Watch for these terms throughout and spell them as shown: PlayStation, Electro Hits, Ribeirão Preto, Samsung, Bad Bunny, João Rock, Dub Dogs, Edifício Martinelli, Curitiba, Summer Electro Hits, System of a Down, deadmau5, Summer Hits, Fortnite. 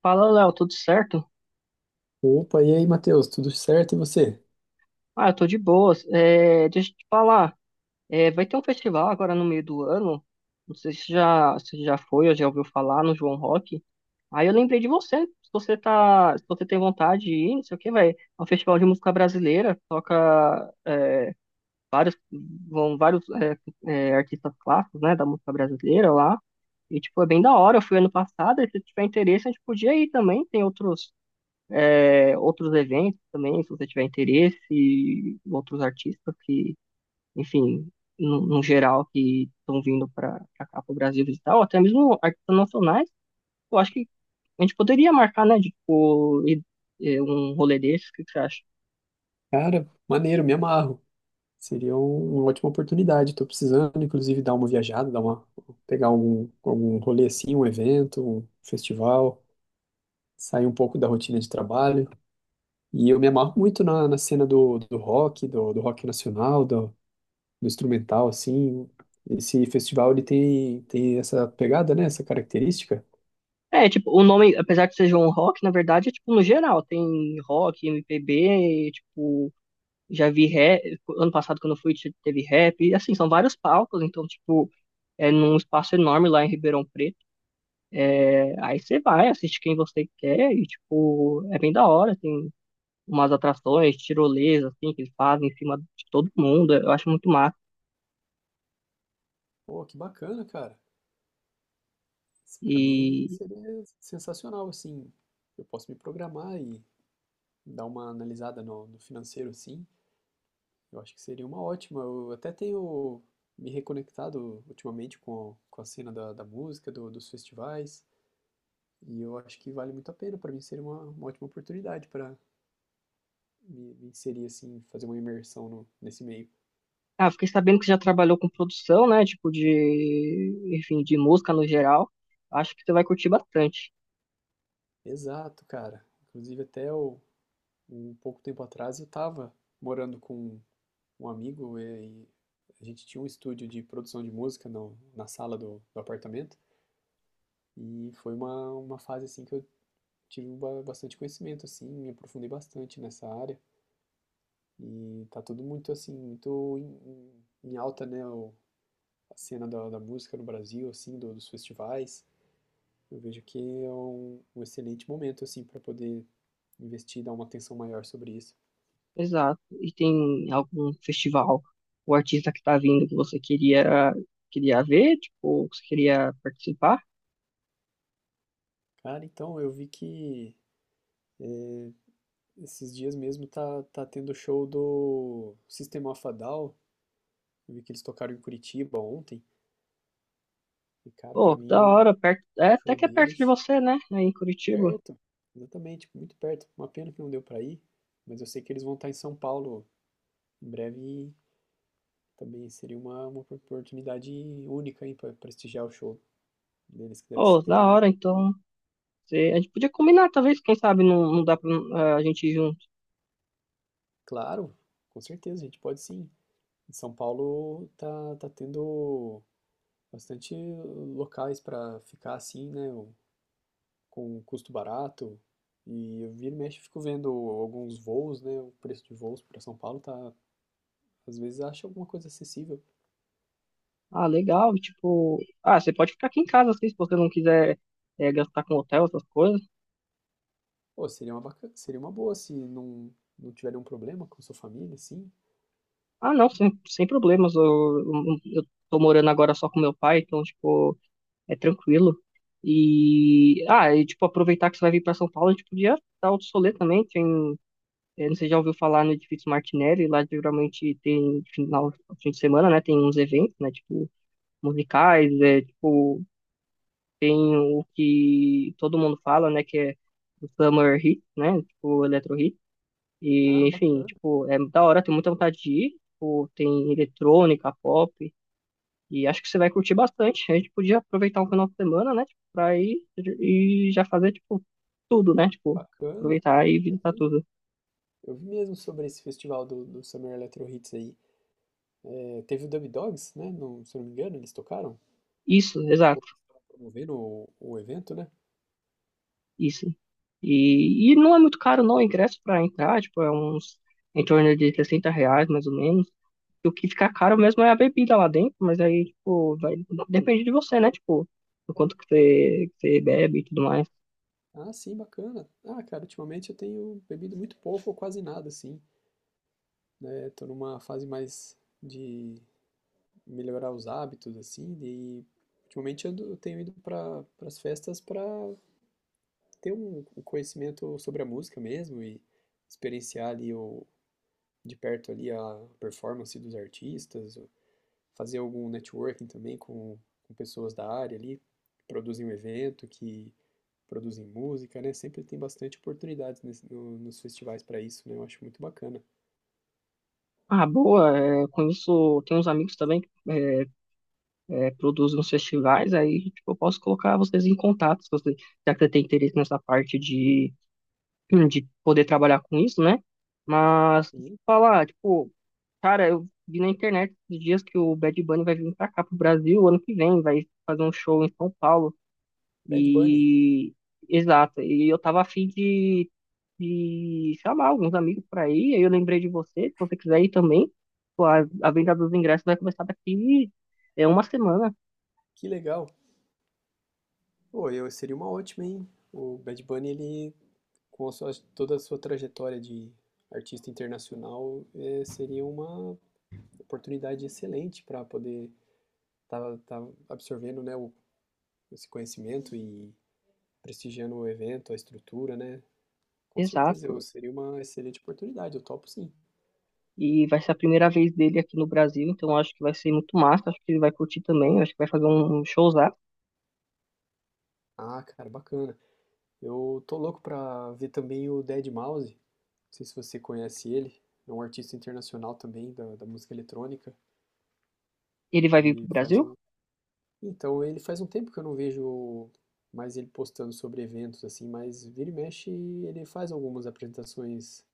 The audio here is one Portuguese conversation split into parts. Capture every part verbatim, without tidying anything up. Fala, Léo, tudo certo? Opa, e aí, Matheus, tudo certo e você? Ah, eu tô de boas. É, deixa eu te falar, é, vai ter um festival agora no meio do ano. Não sei se já, se já foi ou já ouviu falar no João Rock. Aí eu lembrei de você. Se você tá, se você tem vontade de ir, não sei o que, vai. É um festival de música brasileira. Toca vários, vão vários é, é, artistas clássicos, né, da música brasileira lá. E tipo é bem da hora. Eu fui ano passado. E se tiver interesse, a gente podia ir também. Tem outros é, outros eventos também, se você tiver interesse, outros artistas que, enfim, no, no geral, que estão vindo para cá, para o Brasil visitar, ou até mesmo artistas nacionais, eu acho que a gente poderia marcar, né, de, tipo, ir- eh, um rolê desse, o que que você acha? Cara, maneiro, me amarro. Seria um- uma ótima oportunidade. Tô precisando, inclusive, dar uma viajada, dar uma, pegar algum, algum rolê assim, um evento, um festival, sair um pouco da rotina de trabalho. E eu me amarro muito na, na cena do, do rock, do, do rock nacional, do, do instrumental, assim. Esse festival, ele tem, tem essa pegada, né? Essa característica. É, tipo, o nome, apesar que seja um rock, na verdade, é tipo no geral, tem rock, M P B, tipo, já vi rap, ano passado quando eu fui teve rap, e assim, são vários palcos, então, tipo, é num espaço enorme lá em Ribeirão Preto. Aí você vai, assiste quem você quer e, tipo, é bem da hora. Tem umas atrações, tirolesa, assim, que eles fazem em cima de todo mundo. Eu acho muito massa. Pô, que bacana, cara. Para mim E, seria sensacional, assim. Eu posso me programar e dar uma analisada no, no financeiro, assim. Eu acho que seria uma ótima. Eu até tenho me reconectado ultimamente com, com a cena da, da música, do- dos festivais, e eu acho que vale muito a pena. Para mim seria uma, uma ótima oportunidade para me, me inserir, assim, fazer uma imersão no, nesse meio. ah, fiquei sabendo que você já trabalhou com produção, né? Tipo, de, enfim, de música no geral. Acho que você vai curtir bastante. Exato, cara. Inclusive, até o, um pouco tempo atrás eu estava morando com um amigo e a gente tinha um estúdio de produção de música no, na sala do, do apartamento e foi uma, uma fase assim que eu tive bastante conhecimento assim, me aprofundei bastante nessa área e tá tudo muito assim, muito em, em- alta, né, o- a cena da, da música no Brasil, assim, do- dos festivais. Eu vejo que é um, um excelente momento assim para poder investir, dar uma atenção maior sobre isso. Exato. E tem algum festival, o artista que tá vindo que você queria, queria ver, tipo, ou que você queria participar? Cara, então eu vi que esses dias mesmo tá, tá tendo show do System of a Down. Eu vi que eles tocaram em Curitiba ontem. E, cara, Pô, pra que mim da o hora, perto, é, até show que é perto de deles você, né? Aí em Curitiba. perto, exatamente, tipo, muito perto. Uma pena que não deu pra ir, mas eu sei que eles vão estar em São Paulo em breve e também seria uma, uma oportunidade única, hein, pra prestigiar o show deles, que deve Oh, da ser, hora, então. Cê- a gente podia combinar, talvez, quem sabe não, não dá pra eh, a gente ir junto. claro, com certeza, a gente pode sim. Em São Paulo tá, tá tendo bastante locais pra ficar assim, né? Com custo barato. E eu vira e mexe, fico vendo alguns voos, né? O preço de voos para São Paulo tá, às vezes acha alguma coisa acessível. Ah, legal, tipo. Ah, você pode ficar aqui em casa, assim, se você não quiser eh, gastar com hotel, essas coisas. Pô, seria uma bacana, seria uma boa se não não tiver nenhum problema com sua família, assim. Ah, não, sem, sem problemas. Eu, eu, eu tô morando agora só com meu pai, então, tipo, é tranquilo. E. Ah, e, tipo, aproveitar que você vai vir pra São Paulo, a gente podia dar outro solê também. Tem, eh, não sei se já ouviu falar no Edifício Martinelli, lá geralmente tem final, fim de semana, né? Tem uns eventos, né? Tipo musicais, é, tipo, tem o que todo mundo fala, né, que é o Summer Hits, né, tipo, o Electro Hits, Ah, e, enfim, bacana, tipo, é da hora, tem muita vontade de ir, tipo, tem eletrônica, pop, e acho que você vai curtir bastante, a gente podia aproveitar um final de semana, né, tipo, pra ir e já fazer, tipo, tudo, né, tipo, bacana. aproveitar e Eu visitar vi, tudo. eu vi mesmo sobre esse festival do, do Summer Electro Hits aí. É, teve o Dub Dogs, né? Não, se eu não me engano, eles tocaram, Isso, ou exato. promovendo o, o evento, né? Isso. E, e não é muito caro não o ingresso para entrar, tipo, é uns em torno de sessenta reais, mais ou menos. E o que fica caro mesmo é a bebida lá dentro, mas aí, tipo, vai, depende de você, né? Tipo, do quanto que você, que você bebe e tudo mais. Ah, sim, bacana. Ah, cara, ultimamente eu tenho bebido muito pouco ou quase nada, assim. Né? Tô numa fase mais de melhorar os hábitos, assim, e ultimamente eu, tenho ido para as festas para ter um, um conhecimento sobre a música mesmo e experienciar ali o, de perto ali a performance dos artistas, fazer algum networking também com, com pessoas da área ali, que produzem o evento, que produzem música, né? Sempre tem bastante oportunidades nesse- no- nos festivais para isso, né? Eu acho muito bacana. Ah, boa, é, com isso tem uns amigos também que é, é, produzem uns festivais, aí, tipo, eu posso colocar vocês em contato, se você, já que você tem interesse nessa parte de de poder trabalhar com isso, né? Mas deixa E eu falar, tipo, cara, eu vi na internet esses dias que o Bad Bunny vai vir pra cá pro Brasil ano que vem, vai fazer um show em São Paulo. Bad Bunny, E exato, e eu tava afim de, de chamar alguns amigos pra ir, aí eu lembrei de você, se você quiser ir também, pô, a, a venda dos ingressos vai começar daqui é uma semana, que legal! Pô, eu seria uma ótima, hein? O Bad Bunny, ele, com a sua- toda a sua trajetória de artista internacional, é, seria uma oportunidade excelente para poder estar absorvendo, né, o, esse conhecimento e prestigiando o evento, a estrutura, né? Com certeza, eu exato. seria uma excelente oportunidade, eu topo sim. E vai ser a primeira vez dele aqui no Brasil, então eu acho que vai ser muito massa, acho que ele vai curtir também, acho que vai fazer um showzão. Ah, cara, bacana. Eu tô louco pra ver também o dead mouse. Não sei se você conhece ele, é um artista internacional também da, da música eletrônica. Ele vai vir pro Ele faz Brasil? um, Então, ele faz um tempo que eu não vejo mais ele postando sobre eventos, assim, mas vira e mexe ele faz algumas apresentações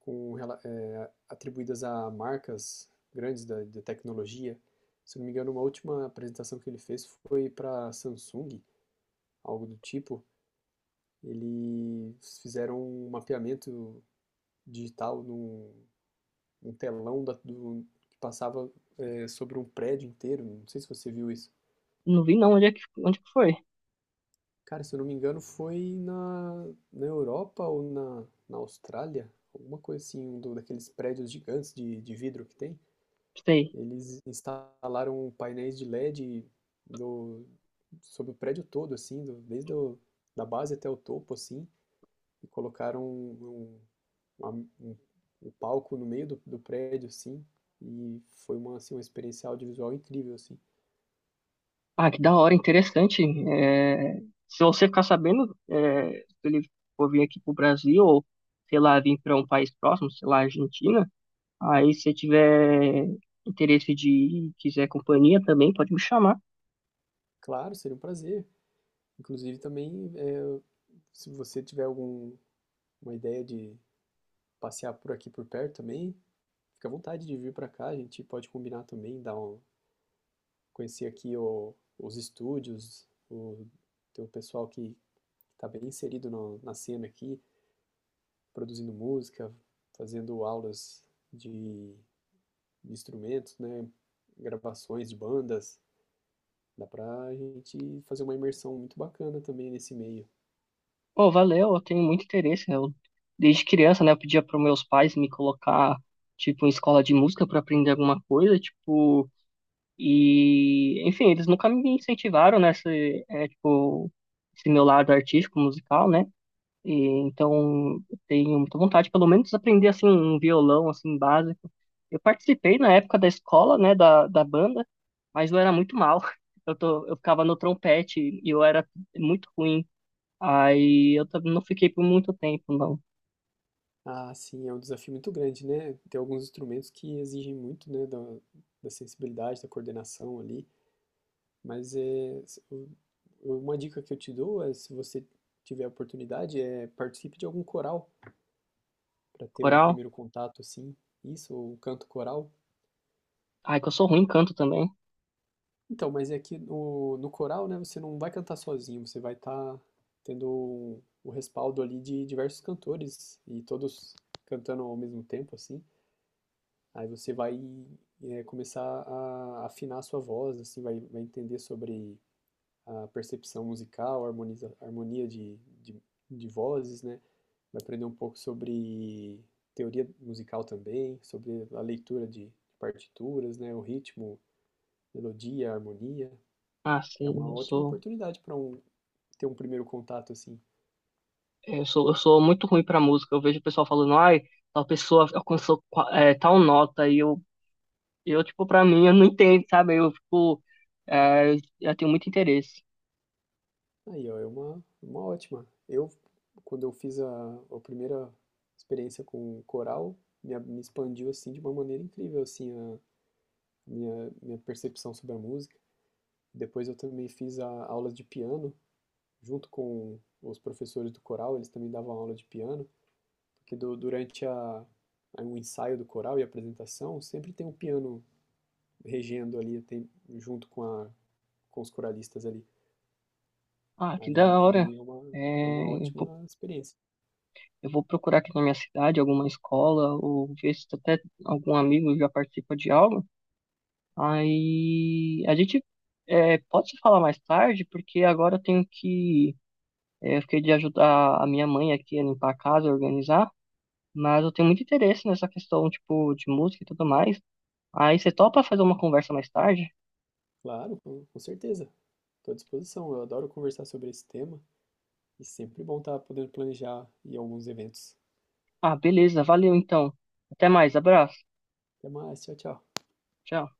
com, rela- eh, atribuídas a marcas grandes da, de tecnologia. Se eu não me engano, uma última apresentação que ele fez foi para Samsung, algo do tipo. Eles fizeram um mapeamento digital num, num telão da- do- que passava eh, sobre um prédio inteiro. Não sei se você viu isso. Não vi não, onde é que, onde que foi? Cara, se eu não me engano, foi na, na Europa ou na, na Austrália, alguma coisa assim, um do, daqueles prédios gigantes de, de vidro que tem. Sei. Eles instalaram painéis de LED do, sobre o prédio todo, assim, do- desde o, da base até o topo, assim, e colocaram um, uma- um, um palco no meio do, do prédio, assim, e foi uma, assim, uma experiência audiovisual incrível, assim. Ah, que da hora, interessante. É, se você ficar sabendo, é, se ele for vir aqui pro Brasil, ou sei lá, vir para um país próximo, sei lá, Argentina, aí se você tiver interesse de ir, quiser companhia também, pode me chamar. Claro, seria um prazer. Inclusive também, é, se você tiver algum uma ideia de passear por aqui por perto também, fica à vontade de vir para cá. A gente pode combinar também, dar um, conhecer aqui o- os estúdios, o, tem o pessoal que está bem inserido no- na cena aqui, produzindo música, fazendo aulas de, de instrumentos, né? Gravações de bandas. Dá pra gente fazer uma imersão muito bacana também nesse meio. Pô, valeu, eu tenho muito interesse. Eu, desde criança, né, eu pedia para meus pais me colocar, tipo, em escola de música para aprender alguma coisa, tipo. E, enfim, eles nunca me incentivaram nessa, é, tipo, esse meu lado artístico, musical, né? E, então, eu tenho muita vontade, pelo menos, de aprender, assim, um violão, assim, básico. Eu participei na época da escola, né, da, da banda, mas eu era muito mal. Eu, tô, eu ficava no trompete e eu era muito ruim. Aí eu também não fiquei por muito tempo, não. Ah, sim, é um desafio muito grande, né? Tem alguns instrumentos que exigem muito, né, da, da sensibilidade, da coordenação ali, mas é, se- o- uma dica que eu te dou é, se você tiver a oportunidade, é participe de algum coral para ter um Coral? primeiro contato, assim, isso, ou um canto coral. Ai, que eu sou ruim em canto também. Então, mas é que no, no coral, né, você não vai cantar sozinho, você vai estar tendo o o respaldo ali de diversos cantores e todos cantando ao mesmo tempo, assim. Aí você vai eh, começar a afinar a sua voz, assim, vai, vai entender sobre a percepção musical, harmoniza, harmonia de, de, de vozes, né? Vai aprender um pouco sobre teoria musical também, sobre a leitura de partituras, né? O ritmo, melodia, harmonia. Ah, É sim, uma eu ótima sou. oportunidade para um, ter um primeiro contato, assim. É, Eu sou, eu sou muito ruim pra música. Eu vejo o pessoal falando, ai, tal pessoa alcançou qua- é, tal nota. E eu, eu, tipo, pra mim, eu não entendo, sabe? Eu fico. é, eu eu tenho muito interesse. Aí, ó, é uma, uma ótima. Eu, quando eu fiz a, a primeira experiência com coral, me, a- me expandiu, assim, de uma maneira incrível, assim, a minha, minha percepção sobre a música. Depois eu também fiz a, aulas de piano, junto com os professores do coral, eles também davam aula de piano, porque du- durante a, a, o ensaio do coral e a apresentação, sempre tem um piano regendo ali, tem, junto com a, com os coralistas ali. Ah, que Aí da hora. também é uma, é uma É, eu vou, ótima experiência. eu vou procurar aqui na minha cidade alguma escola, ou ver se até algum amigo já participa de algo. Aí a gente é, pode se falar mais tarde, porque agora eu tenho que. é, eu fiquei de ajudar a minha mãe aqui a limpar a casa, a organizar. Mas eu tenho muito interesse nessa questão, tipo, de música e tudo mais. Aí você topa fazer uma conversa mais tarde? Claro, com, com certeza. Estou à disposição. Eu adoro conversar sobre esse tema e sempre bom estar podendo planejar e alguns eventos. Ah, beleza, valeu então. Até mais, abraço. Até mais, tchau, tchau. Tchau.